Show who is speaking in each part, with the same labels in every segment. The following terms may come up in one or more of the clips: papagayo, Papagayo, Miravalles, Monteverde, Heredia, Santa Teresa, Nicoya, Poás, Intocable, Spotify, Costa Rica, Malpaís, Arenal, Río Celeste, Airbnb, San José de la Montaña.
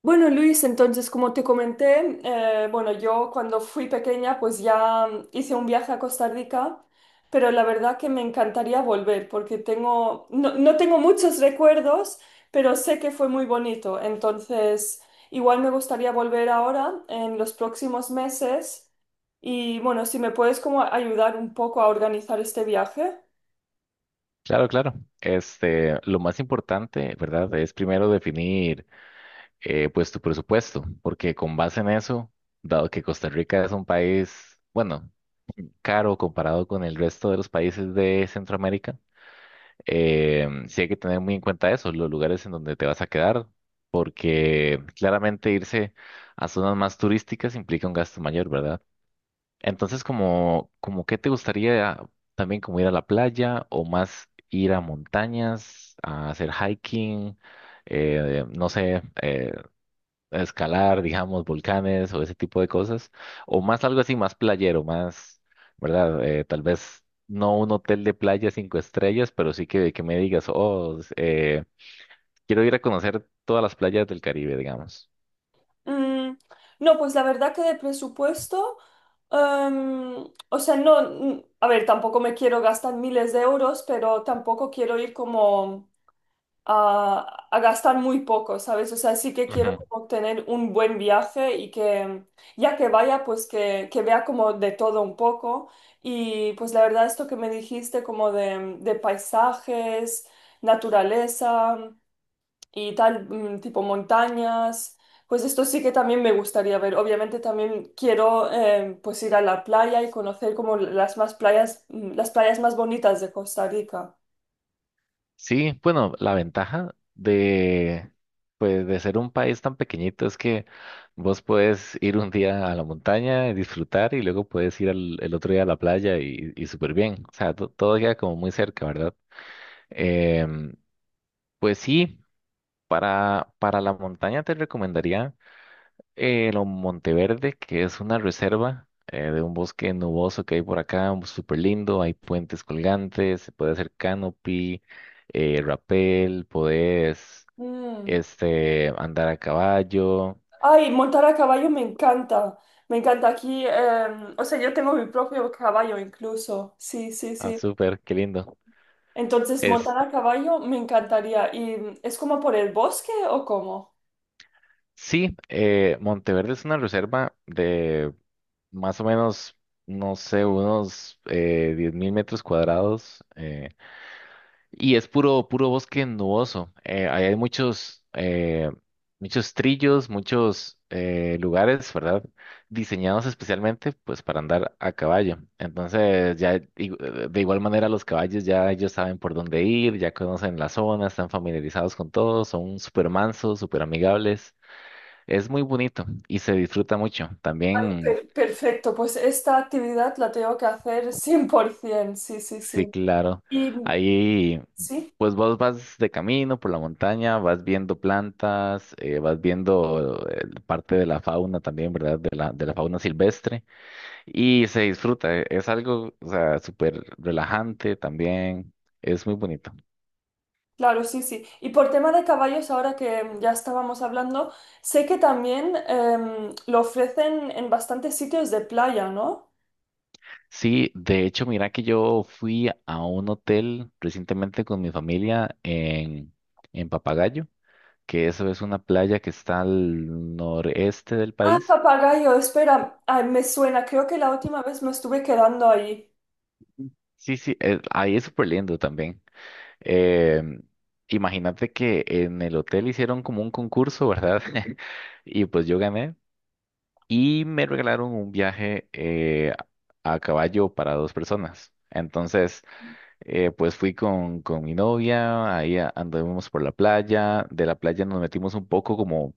Speaker 1: Bueno, Luis, entonces, como te comenté, yo cuando fui pequeña, pues ya hice un viaje a Costa Rica, pero la verdad que me encantaría volver porque tengo, no, no tengo muchos recuerdos, pero sé que fue muy bonito. Entonces, igual me gustaría volver ahora en los próximos meses y bueno, si me puedes como ayudar un poco a organizar este viaje.
Speaker 2: Claro, claro. Este, lo más importante, ¿verdad? Es primero definir, pues, tu presupuesto, porque con base en eso, dado que Costa Rica es un país, bueno, caro comparado con el resto de los países de Centroamérica, sí hay que tener muy en cuenta eso, los lugares en donde te vas a quedar, porque claramente irse a zonas más turísticas implica un gasto mayor, ¿verdad? Entonces, como qué te gustaría también como ir a la playa o más ir a montañas, a hacer hiking, no sé, escalar, digamos, volcanes o ese tipo de cosas, o más algo así, más playero, más, ¿verdad? Tal vez no un hotel de playa cinco estrellas, pero sí que me digas, oh, quiero ir a conocer todas las playas del Caribe, digamos.
Speaker 1: Mm, no, pues la verdad que de presupuesto, o sea, no, a ver, tampoco me quiero gastar miles de euros, pero tampoco quiero ir como a gastar muy poco, ¿sabes? O sea, sí que quiero como tener un buen viaje y que ya que vaya, pues que vea como de todo un poco. Y pues la verdad, esto que me dijiste como de paisajes, naturaleza y tal, tipo montañas. Pues esto sí que también me gustaría ver. Obviamente también quiero pues ir a la playa y conocer como las más playas, las playas más bonitas de Costa Rica.
Speaker 2: Sí, bueno, la ventaja pues, de ser un país tan pequeñito es que vos puedes ir un día a la montaña y disfrutar y luego puedes ir el otro día a la playa y súper bien. O sea, todo queda como muy cerca, ¿verdad? Em, pues sí, para la montaña te recomendaría. Lo Monteverde, que es una reserva de un bosque nuboso que hay por acá, súper lindo, hay puentes colgantes, se puede hacer canopy, rappel, podés
Speaker 1: Mm.
Speaker 2: este, andar a caballo,
Speaker 1: Ay, montar a caballo me encanta. Me encanta aquí. O sea, yo tengo mi propio caballo incluso. Sí, sí,
Speaker 2: ah,
Speaker 1: sí.
Speaker 2: súper, qué lindo.
Speaker 1: Entonces,
Speaker 2: Es,
Speaker 1: montar a caballo me encantaría. ¿Y es como por el bosque o cómo?
Speaker 2: sí, Monteverde es una reserva de más o no sé, unos 10.000 metros cuadrados, y es puro, puro bosque nuboso. Ahí hay muchos, muchos trillos, muchos lugares, ¿verdad? Diseñados especialmente, pues, para andar a caballo. Entonces, de igual manera los caballos ya ellos saben por dónde ir, ya conocen la zona, están familiarizados con todo, son súper mansos, súper amigables. Es muy bonito y se disfruta mucho. También
Speaker 1: Perfecto, pues esta actividad la tengo que hacer 100%, sí, sí,
Speaker 2: sí,
Speaker 1: sí.
Speaker 2: claro.
Speaker 1: Y
Speaker 2: Ahí,
Speaker 1: sí,
Speaker 2: pues vos vas de camino por la montaña, vas viendo plantas, vas viendo parte de la fauna también, ¿verdad? De la fauna silvestre y se disfruta. Es algo, o sea, súper relajante también. Es muy bonito.
Speaker 1: claro, sí, sí. Y por tema de caballos, ahora que ya estábamos hablando, sé que también lo ofrecen en bastantes sitios de playa, ¿no?
Speaker 2: Sí, de hecho, mira que yo fui a un hotel recientemente con mi familia en Papagayo, que eso es una playa que está al noreste del
Speaker 1: Ah,
Speaker 2: país.
Speaker 1: papagayo, espera, ay, me suena, creo que la última vez me estuve quedando ahí.
Speaker 2: Sí, sí, ahí es súper lindo también. Em, imagínate que en el hotel hicieron como un concurso, ¿verdad? Y pues yo gané y me regalaron un viaje a caballo para dos personas. Entonces, pues fui con mi novia, ahí anduvimos por la playa, de la playa nos metimos un poco como,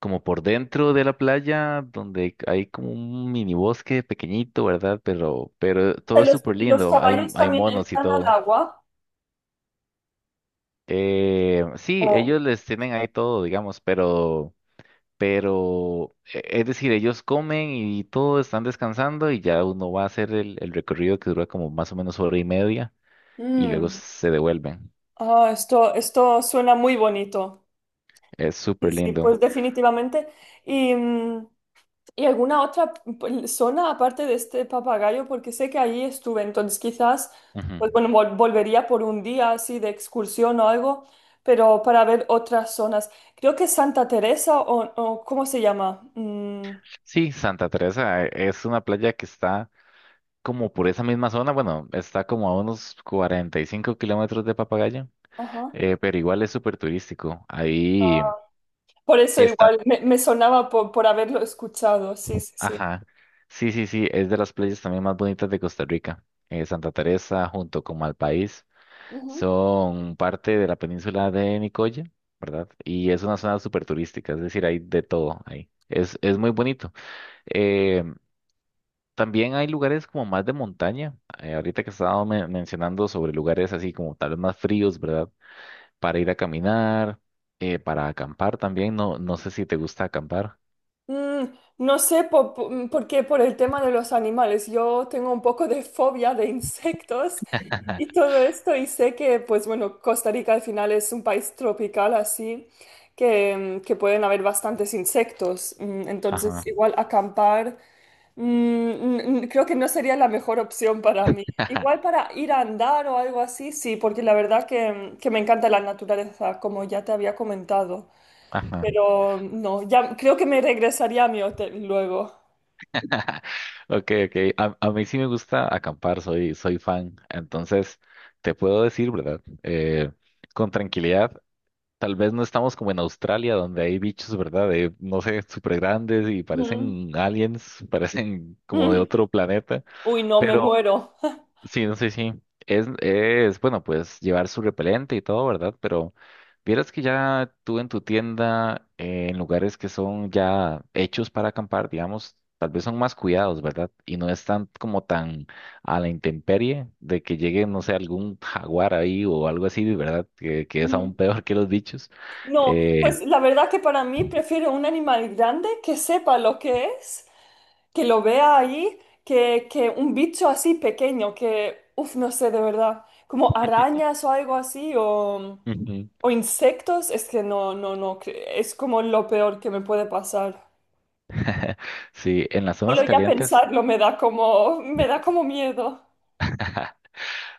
Speaker 2: como por dentro de la playa, donde hay como un mini bosque pequeñito, ¿verdad? Pero todo es súper
Speaker 1: Los
Speaker 2: lindo, hay,
Speaker 1: caballos
Speaker 2: hay
Speaker 1: también
Speaker 2: monos y
Speaker 1: entran al
Speaker 2: todo.
Speaker 1: agua?
Speaker 2: Sí,
Speaker 1: Oh.
Speaker 2: ellos les tienen ahí todo, digamos, pero, es decir, ellos comen y todo, están descansando y ya uno va a hacer el recorrido que dura como más o menos hora y media y luego
Speaker 1: Mm.
Speaker 2: se devuelven.
Speaker 1: Ah, esto suena muy bonito.
Speaker 2: Es
Speaker 1: Sí,
Speaker 2: súper
Speaker 1: sí,
Speaker 2: lindo.
Speaker 1: pues definitivamente. ¿Y, y alguna otra zona aparte de este papagayo? Porque sé que allí estuve, entonces quizás,
Speaker 2: Ujú.
Speaker 1: pues bueno, volvería por un día así de excursión o algo, pero para ver otras zonas. Creo que Santa Teresa o ¿cómo se llama? Mm,
Speaker 2: Sí, Santa Teresa es una playa que está como por esa misma zona, bueno, está como a unos 45 kilómetros de Papagayo,
Speaker 1: ajá.
Speaker 2: pero igual es súper turístico. Ahí.
Speaker 1: Por eso
Speaker 2: Está.
Speaker 1: igual me, me sonaba por haberlo escuchado, sí, sí,
Speaker 2: Ajá. Sí, sí, sí, es de las playas también más bonitas de Costa Rica. Santa Teresa junto con Malpaís
Speaker 1: sí.
Speaker 2: son parte de la península de Nicoya, ¿verdad? Y es una zona súper turística, es decir, hay de todo ahí. Es muy bonito. Eh, también hay lugares como más de montaña. Ahorita que estaba mencionando sobre lugares así como tal vez más fríos, ¿verdad? Para ir a caminar, para acampar también. No, no sé si te gusta acampar.
Speaker 1: Mm, no sé por, qué, por el tema de los animales. Yo tengo un poco de fobia de insectos y todo esto y sé que, pues bueno, Costa Rica al final es un país tropical así, que, que pueden haber bastantes insectos.
Speaker 2: Ajá.
Speaker 1: Entonces, igual acampar, creo que no sería la mejor opción para mí. Igual para ir a andar o algo así, sí, porque la verdad que, que me encanta la naturaleza, como ya te había comentado.
Speaker 2: Ajá.
Speaker 1: Pero no, ya creo que me regresaría a mi hotel luego.
Speaker 2: Ok, ok. A mí sí me gusta acampar, soy, soy fan. Entonces, te puedo decir, ¿verdad? Con tranquilidad, tal vez no estamos como en Australia, donde hay bichos, ¿verdad? De, no sé, súper grandes y
Speaker 1: Ujú.
Speaker 2: parecen aliens, parecen como de
Speaker 1: Ujú.
Speaker 2: otro planeta.
Speaker 1: Uy, no, me muero.
Speaker 2: Sí, no sé, sí. Es, bueno, pues llevar su repelente y todo, ¿verdad? Pero vieras que ya tú en tu tienda, en lugares que son ya hechos para acampar, digamos, tal vez son más cuidados, ¿verdad? Y no están como tan a la intemperie de que llegue, no sé, algún jaguar ahí o algo así, ¿verdad? Que es aún
Speaker 1: Ujú.
Speaker 2: peor que los bichos.
Speaker 1: No,
Speaker 2: Eh,
Speaker 1: pues la verdad que para mí prefiero un animal grande que sepa lo que es, que lo vea ahí, que un bicho así pequeño, que, uff, no sé, de verdad, como arañas o algo así,
Speaker 2: Ujú.
Speaker 1: o insectos, es que no, no, no, que es como lo peor que me puede pasar.
Speaker 2: Sí, en las zonas
Speaker 1: Solo ya
Speaker 2: calientes.
Speaker 1: pensarlo me da como miedo.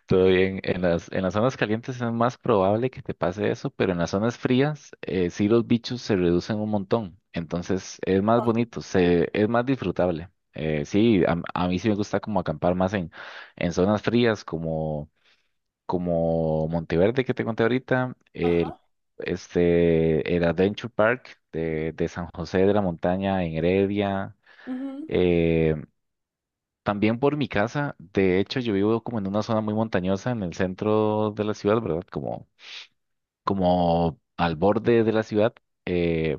Speaker 2: Todo bien. En las zonas calientes es más probable que te pase eso, pero en las zonas frías sí los bichos se reducen un montón. Entonces es más bonito, se, es más disfrutable. Sí, a mí sí me gusta como acampar más en zonas frías como, como Monteverde que te conté ahorita, el,
Speaker 1: Ajá.
Speaker 2: este, el Adventure Park de San José de la Montaña en Heredia.
Speaker 1: Ujú,
Speaker 2: eh, También por mi casa, de hecho yo vivo como en una zona muy montañosa en el centro de la ciudad, ¿verdad? Como, como al borde de la ciudad. eh,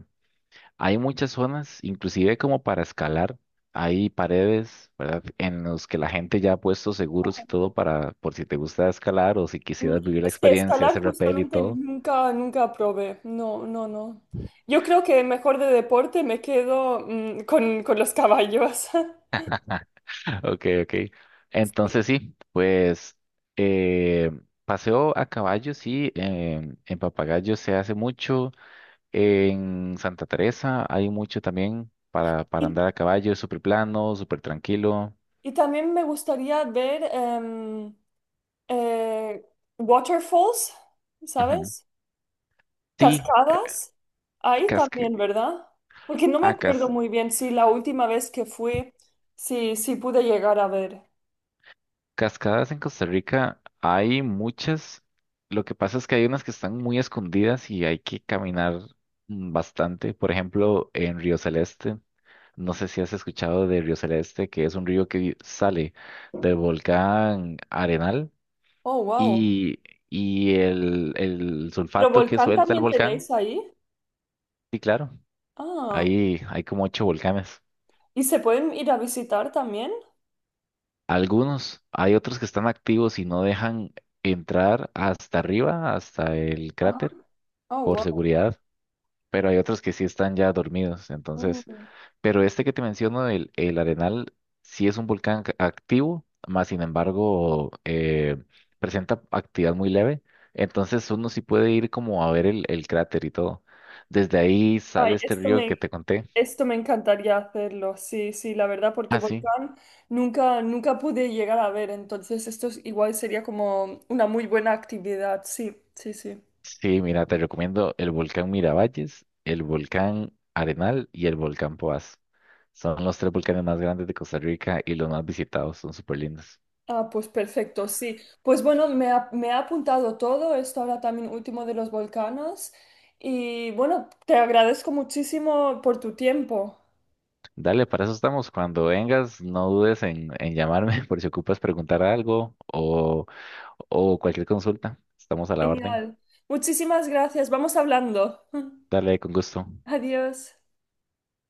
Speaker 2: Hay muchas zonas, inclusive como para escalar, hay paredes, ¿verdad? En los que la gente ya ha puesto seguros
Speaker 1: ajá.
Speaker 2: y todo para, por si te gusta escalar o si
Speaker 1: Mm,
Speaker 2: quisieras vivir la
Speaker 1: Es que
Speaker 2: experiencia,
Speaker 1: escalar
Speaker 2: hacer rappel y
Speaker 1: justamente
Speaker 2: todo.
Speaker 1: nunca, nunca probé. No, no, no. Yo creo que mejor de deporte me quedo con los caballos.
Speaker 2: Ok, ok. Entonces sí, pues eh, paseo a caballo, sí, em, en Papagayo se hace mucho. En Santa Teresa hay mucho también para
Speaker 1: Y,
Speaker 2: andar a caballo, es súper plano, súper tranquilo.
Speaker 1: y también me gustaría ver eh, waterfalls,
Speaker 2: Ujú.
Speaker 1: ¿sabes?
Speaker 2: Sí,
Speaker 1: Cascadas. Ahí
Speaker 2: casca-
Speaker 1: también, ¿verdad? Porque no me
Speaker 2: ah,
Speaker 1: acuerdo
Speaker 2: cas-
Speaker 1: muy bien si la última vez que fui, si, si pude llegar a ver.
Speaker 2: cascadas en Costa Rica hay muchas. Lo que pasa es que hay unas que están muy escondidas y hay que caminar bastante. Por ejemplo, en Río Celeste, no sé si has escuchado de Río Celeste, que es un río que sale del volcán Arenal
Speaker 1: Oh, wow.
Speaker 2: y, y el
Speaker 1: ¿Pero
Speaker 2: sulfato que
Speaker 1: volcán
Speaker 2: suelta el
Speaker 1: también
Speaker 2: volcán.
Speaker 1: tenéis ahí?
Speaker 2: Sí, claro.
Speaker 1: Ah.
Speaker 2: Ahí hay como ocho volcanes.
Speaker 1: ¿Y se pueden ir a visitar también?
Speaker 2: Algunos, hay otros que están activos y no dejan entrar hasta arriba, hasta el
Speaker 1: Ajá.
Speaker 2: cráter,
Speaker 1: Oh,
Speaker 2: por
Speaker 1: wow.
Speaker 2: seguridad, pero hay otros que sí están ya dormidos. Entonces,
Speaker 1: Mm.
Speaker 2: pero este que te menciono, el Arenal, sí es un volcán activo, más sin embargo, presenta actividad muy leve. Entonces uno sí puede ir como a ver el cráter y todo. Desde ahí
Speaker 1: Ay,
Speaker 2: sale este río que te conté.
Speaker 1: esto me encantaría hacerlo, sí, sí, la verdad, porque
Speaker 2: Ah, sí.
Speaker 1: volcán nunca, nunca pude llegar a ver, entonces esto igual sería como una muy buena actividad, sí, sí, sí.
Speaker 2: Sí, mira, te recomiendo el volcán Miravalles, el volcán Arenal y el volcán Poás. Son los tres volcanes más grandes de Costa Rica y los más visitados, son súper lindos.
Speaker 1: Ah, pues perfecto, sí. Pues bueno, me ha apuntado todo, esto ahora también último de los volcanes, y bueno, te agradezco muchísimo por tu tiempo.
Speaker 2: Dale, para eso estamos. Cuando vengas, no dudes en llamarme por si ocupas preguntar algo o cualquier consulta. Estamos a la orden.
Speaker 1: Genial. Muchísimas gracias, vamos hablando.
Speaker 2: Dale, con gusto.
Speaker 1: Adiós.